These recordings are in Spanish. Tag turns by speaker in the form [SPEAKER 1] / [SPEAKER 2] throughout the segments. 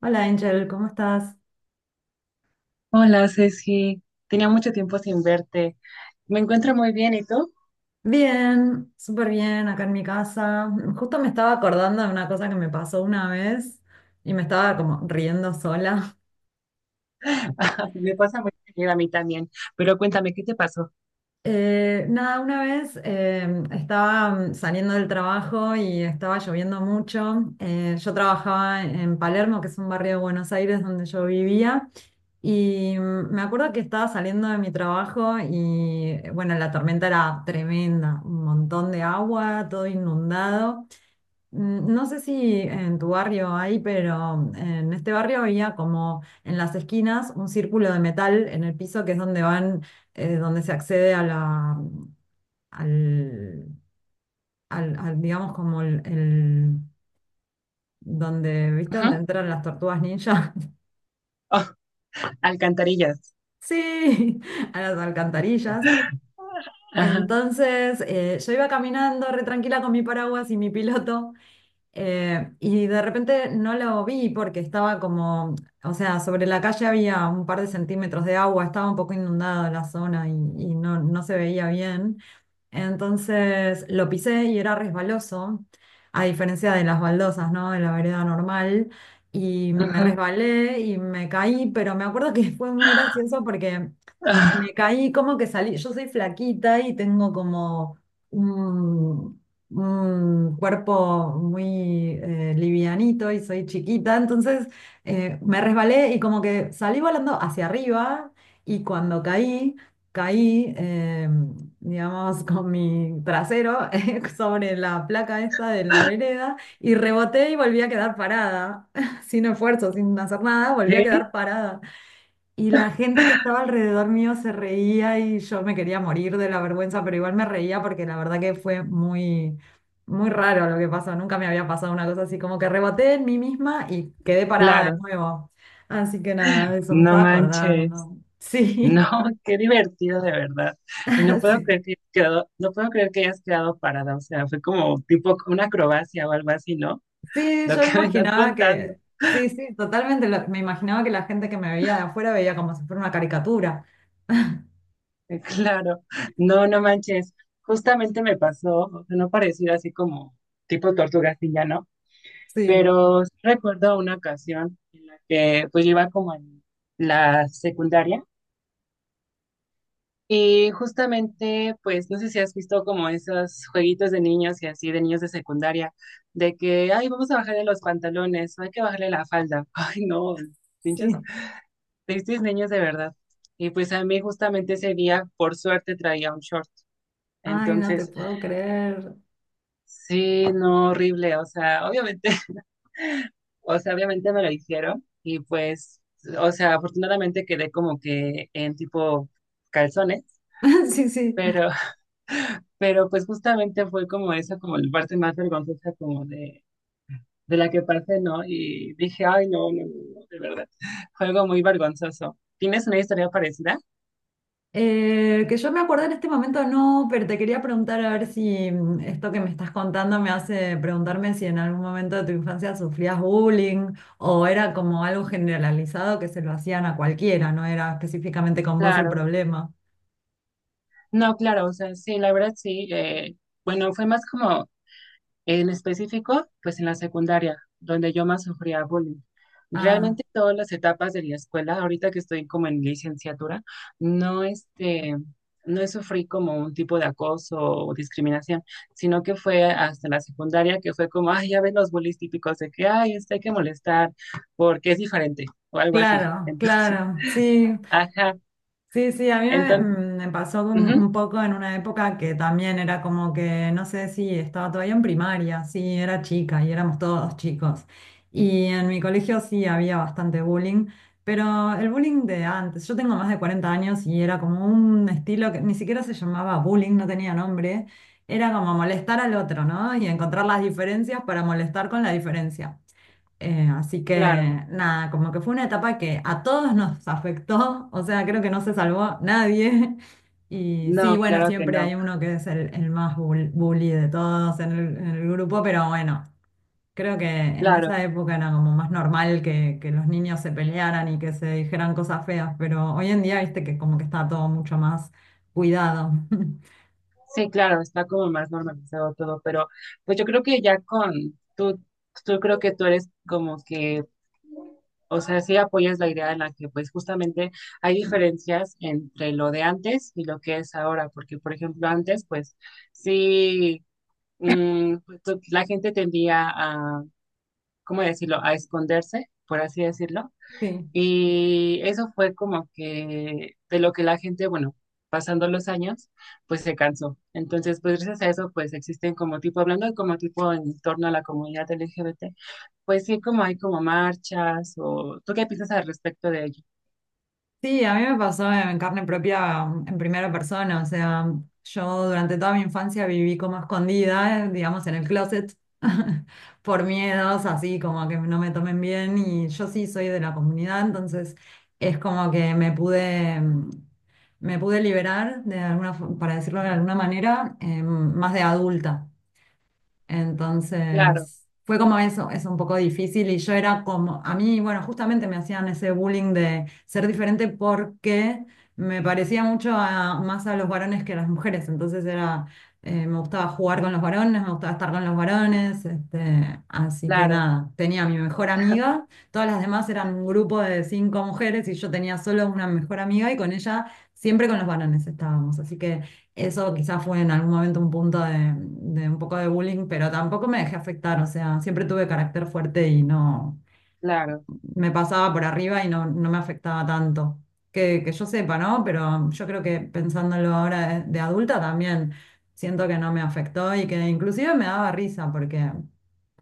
[SPEAKER 1] Hola Angel, ¿cómo estás?
[SPEAKER 2] Hola, Ceci. Tenía mucho tiempo sin verte. Me encuentro muy bien, ¿y tú?
[SPEAKER 1] Bien, súper bien, acá en mi casa. Justo me estaba acordando de una cosa que me pasó una vez y me estaba como riendo sola.
[SPEAKER 2] Ah, me pasa muy bien a mí también. Pero cuéntame, ¿qué te pasó?
[SPEAKER 1] Nada, una vez estaba saliendo del trabajo y estaba lloviendo mucho. Yo trabajaba en Palermo, que es un barrio de Buenos Aires donde yo vivía. Y me acuerdo que estaba saliendo de mi trabajo y bueno, la tormenta era tremenda, un montón de agua, todo inundado. No sé si en tu barrio hay, pero en este barrio había como en las esquinas un círculo de metal en el piso que es donde van, donde se accede a la, al, al- al, digamos como donde, ¿viste?
[SPEAKER 2] Ajá.
[SPEAKER 1] Donde entran las tortugas ninja.
[SPEAKER 2] Oh, alcantarillas.
[SPEAKER 1] Sí, a las alcantarillas.
[SPEAKER 2] Ajá,
[SPEAKER 1] Entonces, yo iba caminando re tranquila con mi paraguas y mi piloto. Y de repente no lo vi porque estaba como, o sea, sobre la calle había un par de centímetros de agua, estaba un poco inundada la zona y no, no se veía bien. Entonces lo pisé y era resbaloso, a diferencia de las baldosas, ¿no? De la vereda normal. Y me
[SPEAKER 2] ajá.
[SPEAKER 1] resbalé y me caí, pero me acuerdo que fue muy gracioso porque
[SPEAKER 2] Ah,
[SPEAKER 1] me caí como que salí, yo soy flaquita y tengo como un, un cuerpo muy livianito y soy chiquita, entonces me resbalé y como que salí volando hacia arriba y cuando caí, caí, digamos, con mi trasero sobre la placa esta de la vereda y reboté y volví a quedar parada, sin esfuerzo, sin hacer nada, volví a quedar
[SPEAKER 2] ¿sí?
[SPEAKER 1] parada. Y la gente que estaba alrededor mío se reía y yo me quería morir de la vergüenza, pero igual me reía porque la verdad que fue muy raro lo que pasó. Nunca me había pasado una cosa así, como que reboté en mí misma y quedé parada de
[SPEAKER 2] Claro.
[SPEAKER 1] nuevo. Así que nada, eso me
[SPEAKER 2] No
[SPEAKER 1] estaba
[SPEAKER 2] manches.
[SPEAKER 1] acordando.
[SPEAKER 2] No,
[SPEAKER 1] Sí,
[SPEAKER 2] qué divertido de verdad. Y no puedo
[SPEAKER 1] sí,
[SPEAKER 2] creer que hayas quedado, no puedo creer que hayas quedado parada. O sea, fue como tipo una acrobacia o algo así, ¿no?
[SPEAKER 1] sí,
[SPEAKER 2] Lo
[SPEAKER 1] yo
[SPEAKER 2] que
[SPEAKER 1] me
[SPEAKER 2] me estás
[SPEAKER 1] imaginaba
[SPEAKER 2] contando.
[SPEAKER 1] que, sí, totalmente, me imaginaba que la gente que me veía de afuera veía como si fuera una caricatura.
[SPEAKER 2] Claro, no, no manches. Justamente me pasó, o sea, no pareciera así como tipo tortuga así ya, ¿no?
[SPEAKER 1] Sí,
[SPEAKER 2] Pero sí recuerdo una ocasión en la que pues yo iba como en la secundaria y justamente pues no sé si has visto como esos jueguitos de niños y así de niños de secundaria de que, ay, vamos a bajarle los pantalones, hay que bajarle la falda. Ay, no, pinches,
[SPEAKER 1] sí.
[SPEAKER 2] tristes niños de verdad. Y pues a mí justamente ese día, por suerte, traía un short.
[SPEAKER 1] Ay, no te
[SPEAKER 2] Entonces...
[SPEAKER 1] puedo creer.
[SPEAKER 2] Sí, no, horrible, o sea, obviamente, o sea, obviamente me lo dijeron y pues, o sea, afortunadamente quedé como que en tipo calzones,
[SPEAKER 1] Sí, sí.
[SPEAKER 2] pero, pero pues justamente fue como esa, como la parte más vergonzosa como de la que pasé, ¿no? Y dije, ay, no, no, no, no, de verdad, fue algo muy vergonzoso. ¿Tienes una historia parecida?
[SPEAKER 1] Que yo me acordé en este momento no, pero te quería preguntar a ver si esto que me estás contando me hace preguntarme si en algún momento de tu infancia sufrías bullying o era como algo generalizado que se lo hacían a cualquiera, no era específicamente con vos el
[SPEAKER 2] Claro,
[SPEAKER 1] problema.
[SPEAKER 2] no, claro, o sea, sí, la verdad sí, bueno, fue más como en específico, pues en la secundaria, donde yo más sufría bullying.
[SPEAKER 1] Ah,
[SPEAKER 2] Realmente todas las etapas de la escuela, ahorita que estoy como en licenciatura, no este, no sufrí como un tipo de acoso o discriminación, sino que fue hasta la secundaria que fue como, ay, ya ven los bullies típicos de que, ay, este hay que molestar porque es diferente o algo así.
[SPEAKER 1] claro,
[SPEAKER 2] Entonces,
[SPEAKER 1] claro, sí.
[SPEAKER 2] ajá,
[SPEAKER 1] Sí, sí, a mí me,
[SPEAKER 2] entonces,
[SPEAKER 1] mm, me pasó
[SPEAKER 2] ujú,
[SPEAKER 1] un poco en una época que también era como que, no sé si estaba todavía en primaria, sí, era chica y éramos todos chicos. Y en mi colegio sí había bastante bullying, pero el bullying de antes, yo tengo más de 40 años y era como un estilo que ni siquiera se llamaba bullying, no tenía nombre, era como molestar al otro, ¿no? Y encontrar las diferencias para molestar con la diferencia. Así que
[SPEAKER 2] claro,
[SPEAKER 1] nada, como que fue una etapa que a todos nos afectó, o sea, creo que no se salvó nadie. Y sí,
[SPEAKER 2] no,
[SPEAKER 1] bueno,
[SPEAKER 2] claro que
[SPEAKER 1] siempre hay
[SPEAKER 2] no,
[SPEAKER 1] uno que es el más bully de todos en en el grupo, pero bueno, creo que en
[SPEAKER 2] claro.
[SPEAKER 1] esa época era como más normal que los niños se pelearan y que se dijeran cosas feas, pero hoy en día, viste que como que está todo mucho más cuidado.
[SPEAKER 2] Sí, claro, está como más normalizado todo, pero pues yo creo que ya con tú, creo que tú eres como que, o sea, sí apoyas la idea en la que pues justamente hay diferencias entre lo de antes y lo que es ahora, porque por ejemplo antes pues sí, pues, tú- la gente tendía a, ¿cómo decirlo?, a esconderse, por así decirlo.
[SPEAKER 1] Sí.
[SPEAKER 2] Y eso fue como que de lo que la gente, bueno, pasando los años, pues se cansó. Entonces, pues gracias a eso, pues existen como tipo, hablando de como tipo en torno a la comunidad LGBT, pues sí, como hay como marchas o... ¿Tú qué piensas al respecto de ello?
[SPEAKER 1] Sí, a mí me pasó en carne propia, en primera persona, o sea, yo durante toda mi infancia viví como escondida, digamos, en el closet, por miedos, así como que no me tomen bien, y yo sí soy de la comunidad, entonces es como que me pude, me pude liberar de alguna, para decirlo de alguna manera, más de adulta.
[SPEAKER 2] Claro,
[SPEAKER 1] Entonces, fue como eso, es un poco difícil y yo era como, a mí, bueno, justamente me hacían ese bullying de ser diferente porque me parecía mucho más a los varones que a las mujeres, entonces era, me gustaba jugar con los varones, me gustaba estar con los varones, este, así que
[SPEAKER 2] claro,
[SPEAKER 1] nada, tenía a mi mejor amiga, todas las demás eran un grupo de 5 mujeres y yo tenía solo una mejor amiga y con ella siempre con los varones estábamos, así que... Eso quizás fue en algún momento un punto de un poco de bullying, pero tampoco me dejé afectar, o sea, siempre tuve carácter fuerte y no,
[SPEAKER 2] claro,
[SPEAKER 1] me pasaba por arriba y no, no me afectaba tanto. Que yo sepa, ¿no? Pero yo creo que pensándolo ahora de adulta también siento que no me afectó y que inclusive me daba risa porque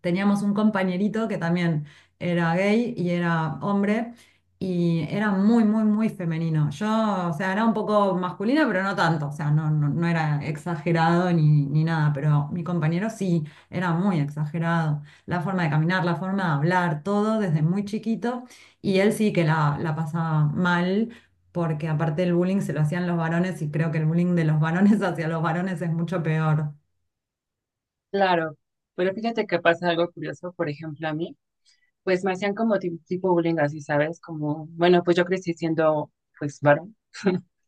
[SPEAKER 1] teníamos un compañerito que también era gay y era hombre y era muy, muy, muy femenino. Yo, o sea, era un poco masculina, pero no tanto, o sea, no, no, no era exagerado ni, ni nada, pero mi compañero sí, era muy exagerado la forma de caminar, la forma de hablar, todo desde muy chiquito. Y él sí que la pasaba mal, porque aparte el bullying se lo hacían los varones y creo que el bullying de los varones hacia los varones es mucho peor.
[SPEAKER 2] claro. Pero fíjate que pasa algo curioso, por ejemplo, a mí, pues me hacían como ti- tipo bullying así, ¿sabes? Como, bueno, pues yo crecí siendo, pues, varón.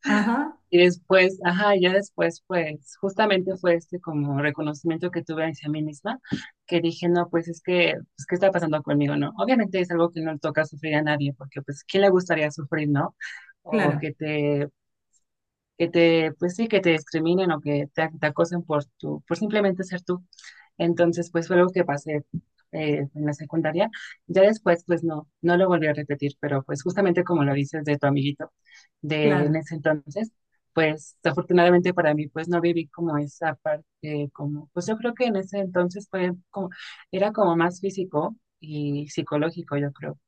[SPEAKER 1] Ajá,
[SPEAKER 2] Y después, ajá, ya después, pues, justamente fue este como reconocimiento que tuve hacia mí misma, que dije, no, pues es que, pues, ¿qué está pasando conmigo, no? Obviamente es algo que no le toca sufrir a nadie, porque, pues, ¿quién le gustaría sufrir, no? O
[SPEAKER 1] claro,
[SPEAKER 2] que te, pues sí, que te discriminen o que te acosen por tu, por simplemente ser tú. Entonces, pues fue algo que pasé en la secundaria. Ya después, pues no, no lo volví a repetir, pero pues justamente como lo dices de tu amiguito de en
[SPEAKER 1] claro.
[SPEAKER 2] ese entonces, pues afortunadamente para mí, pues no viví como esa parte, como, pues yo creo que en ese entonces fue como, era como más físico y psicológico, yo creo.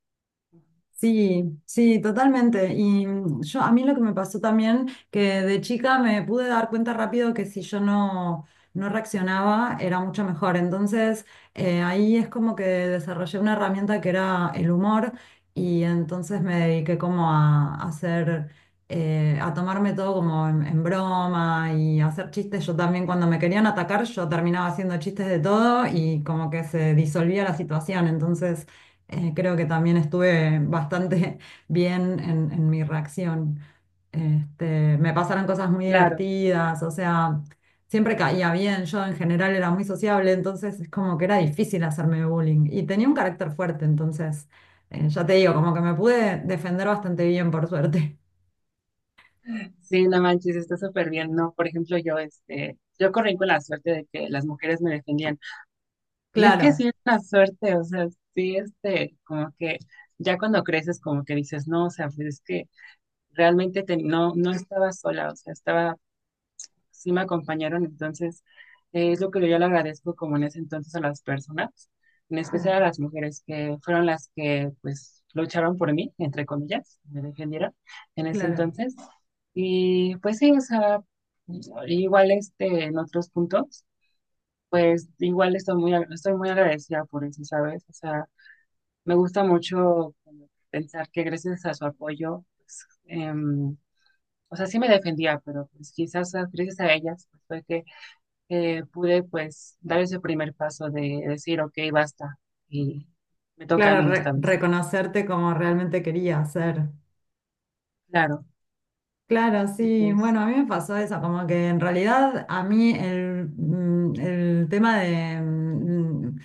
[SPEAKER 1] Sí, sí, totalmente. Y yo a mí lo que me pasó también, que de chica me pude dar cuenta rápido que si yo no, no reaccionaba era mucho mejor. Entonces ahí es como que desarrollé una herramienta que era el humor y entonces me dediqué como a hacer, a tomarme todo como en broma y a hacer chistes. Yo también cuando me querían atacar yo terminaba haciendo chistes de todo y como que se disolvía la situación. Entonces... Creo que también estuve bastante bien en mi reacción. Este, me pasaron cosas muy
[SPEAKER 2] Claro.
[SPEAKER 1] divertidas, o sea, siempre caía bien. Yo en general era muy sociable, entonces es como que era difícil hacerme bullying. Y tenía un carácter fuerte, entonces, ya te digo, como que me pude defender bastante bien, por suerte.
[SPEAKER 2] Sí, no manches, está súper bien, ¿no? Por ejemplo, yo, este, yo corrí con la suerte de que las mujeres me defendían. Y es que
[SPEAKER 1] Claro,
[SPEAKER 2] sí es una suerte, o sea, sí, este, como que ya cuando creces, como que dices, no, o sea, pues es que realmente te- no, no estaba sola, o sea, estaba sí me acompañaron, entonces es lo que yo le agradezco como en ese entonces a las personas, en especial
[SPEAKER 1] claro,
[SPEAKER 2] a las mujeres que fueron las que pues lucharon por mí, entre comillas, me defendieron en ese
[SPEAKER 1] claro.
[SPEAKER 2] entonces. Y pues sí, o sea, igual este, en otros puntos, pues igual estoy muy, ag- estoy muy agradecida por eso, ¿sabes? O sea, me gusta mucho como pensar que gracias a su apoyo, pues, em, o sea, sí me defendía, pero pues quizás ah, gracias a ellas pues, fue que pude pues dar ese primer paso de decir, ok, basta, y me toca a
[SPEAKER 1] Claro,
[SPEAKER 2] mí esta vez.
[SPEAKER 1] reconocerte como realmente quería ser.
[SPEAKER 2] Claro,
[SPEAKER 1] Claro, sí.
[SPEAKER 2] entonces,
[SPEAKER 1] Bueno, a mí me pasó eso, como que en realidad a mí el tema de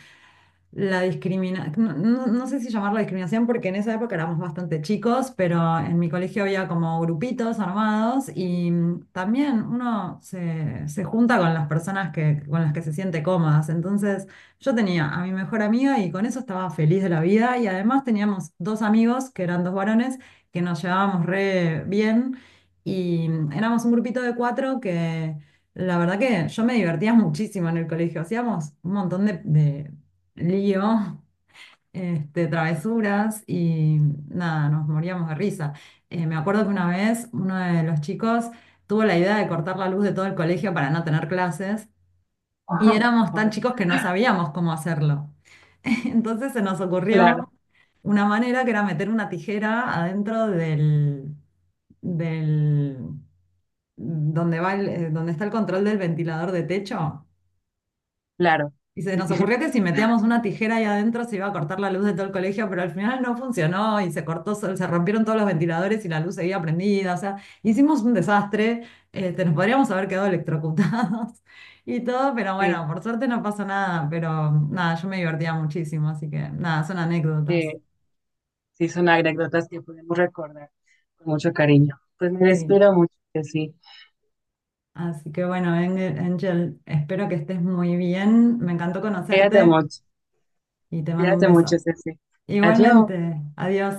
[SPEAKER 1] la discriminación, no, no sé si llamarlo discriminación porque en esa época éramos bastante chicos, pero en mi colegio había como grupitos armados y también uno se junta con las personas que, con las que se siente cómodas. Entonces yo tenía a mi mejor amiga y con eso estaba feliz de la vida y además teníamos dos amigos que eran dos varones que nos llevábamos re bien. Y éramos un grupito de cuatro que la verdad que yo me divertía muchísimo en el colegio. Hacíamos un montón de lío, este, travesuras y nada, nos moríamos de risa. Me acuerdo que una vez uno de los chicos tuvo la idea de cortar la luz de todo el colegio para no tener clases y
[SPEAKER 2] ojo,
[SPEAKER 1] éramos tan
[SPEAKER 2] ahora,
[SPEAKER 1] chicos que no sabíamos cómo hacerlo. Entonces se nos
[SPEAKER 2] claro,
[SPEAKER 1] ocurrió una manera que era meter una tijera adentro del donde va donde está el control del ventilador de techo.
[SPEAKER 2] claro,
[SPEAKER 1] Y se
[SPEAKER 2] sí,
[SPEAKER 1] nos ocurrió que si metíamos una tijera ahí adentro se iba a cortar la luz de todo el colegio, pero al final no funcionó y se cortó, se rompieron todos los ventiladores y la luz seguía prendida. O sea, hicimos un desastre, este, nos podríamos haber quedado electrocutados y todo, pero bueno,
[SPEAKER 2] sí,
[SPEAKER 1] por suerte no pasó nada, pero nada, yo me divertía muchísimo, así que nada, son anécdotas.
[SPEAKER 2] eh, sí, son anécdotas que podemos recordar con mucho cariño. Pues me
[SPEAKER 1] Sí.
[SPEAKER 2] despido mucho, sí.
[SPEAKER 1] Así que bueno, Angel, espero que estés muy bien. Me encantó
[SPEAKER 2] Cuídate
[SPEAKER 1] conocerte
[SPEAKER 2] mucho,
[SPEAKER 1] y te mando un
[SPEAKER 2] cuídate mucho,
[SPEAKER 1] beso.
[SPEAKER 2] Ceci. Adiós.
[SPEAKER 1] Igualmente, adiós.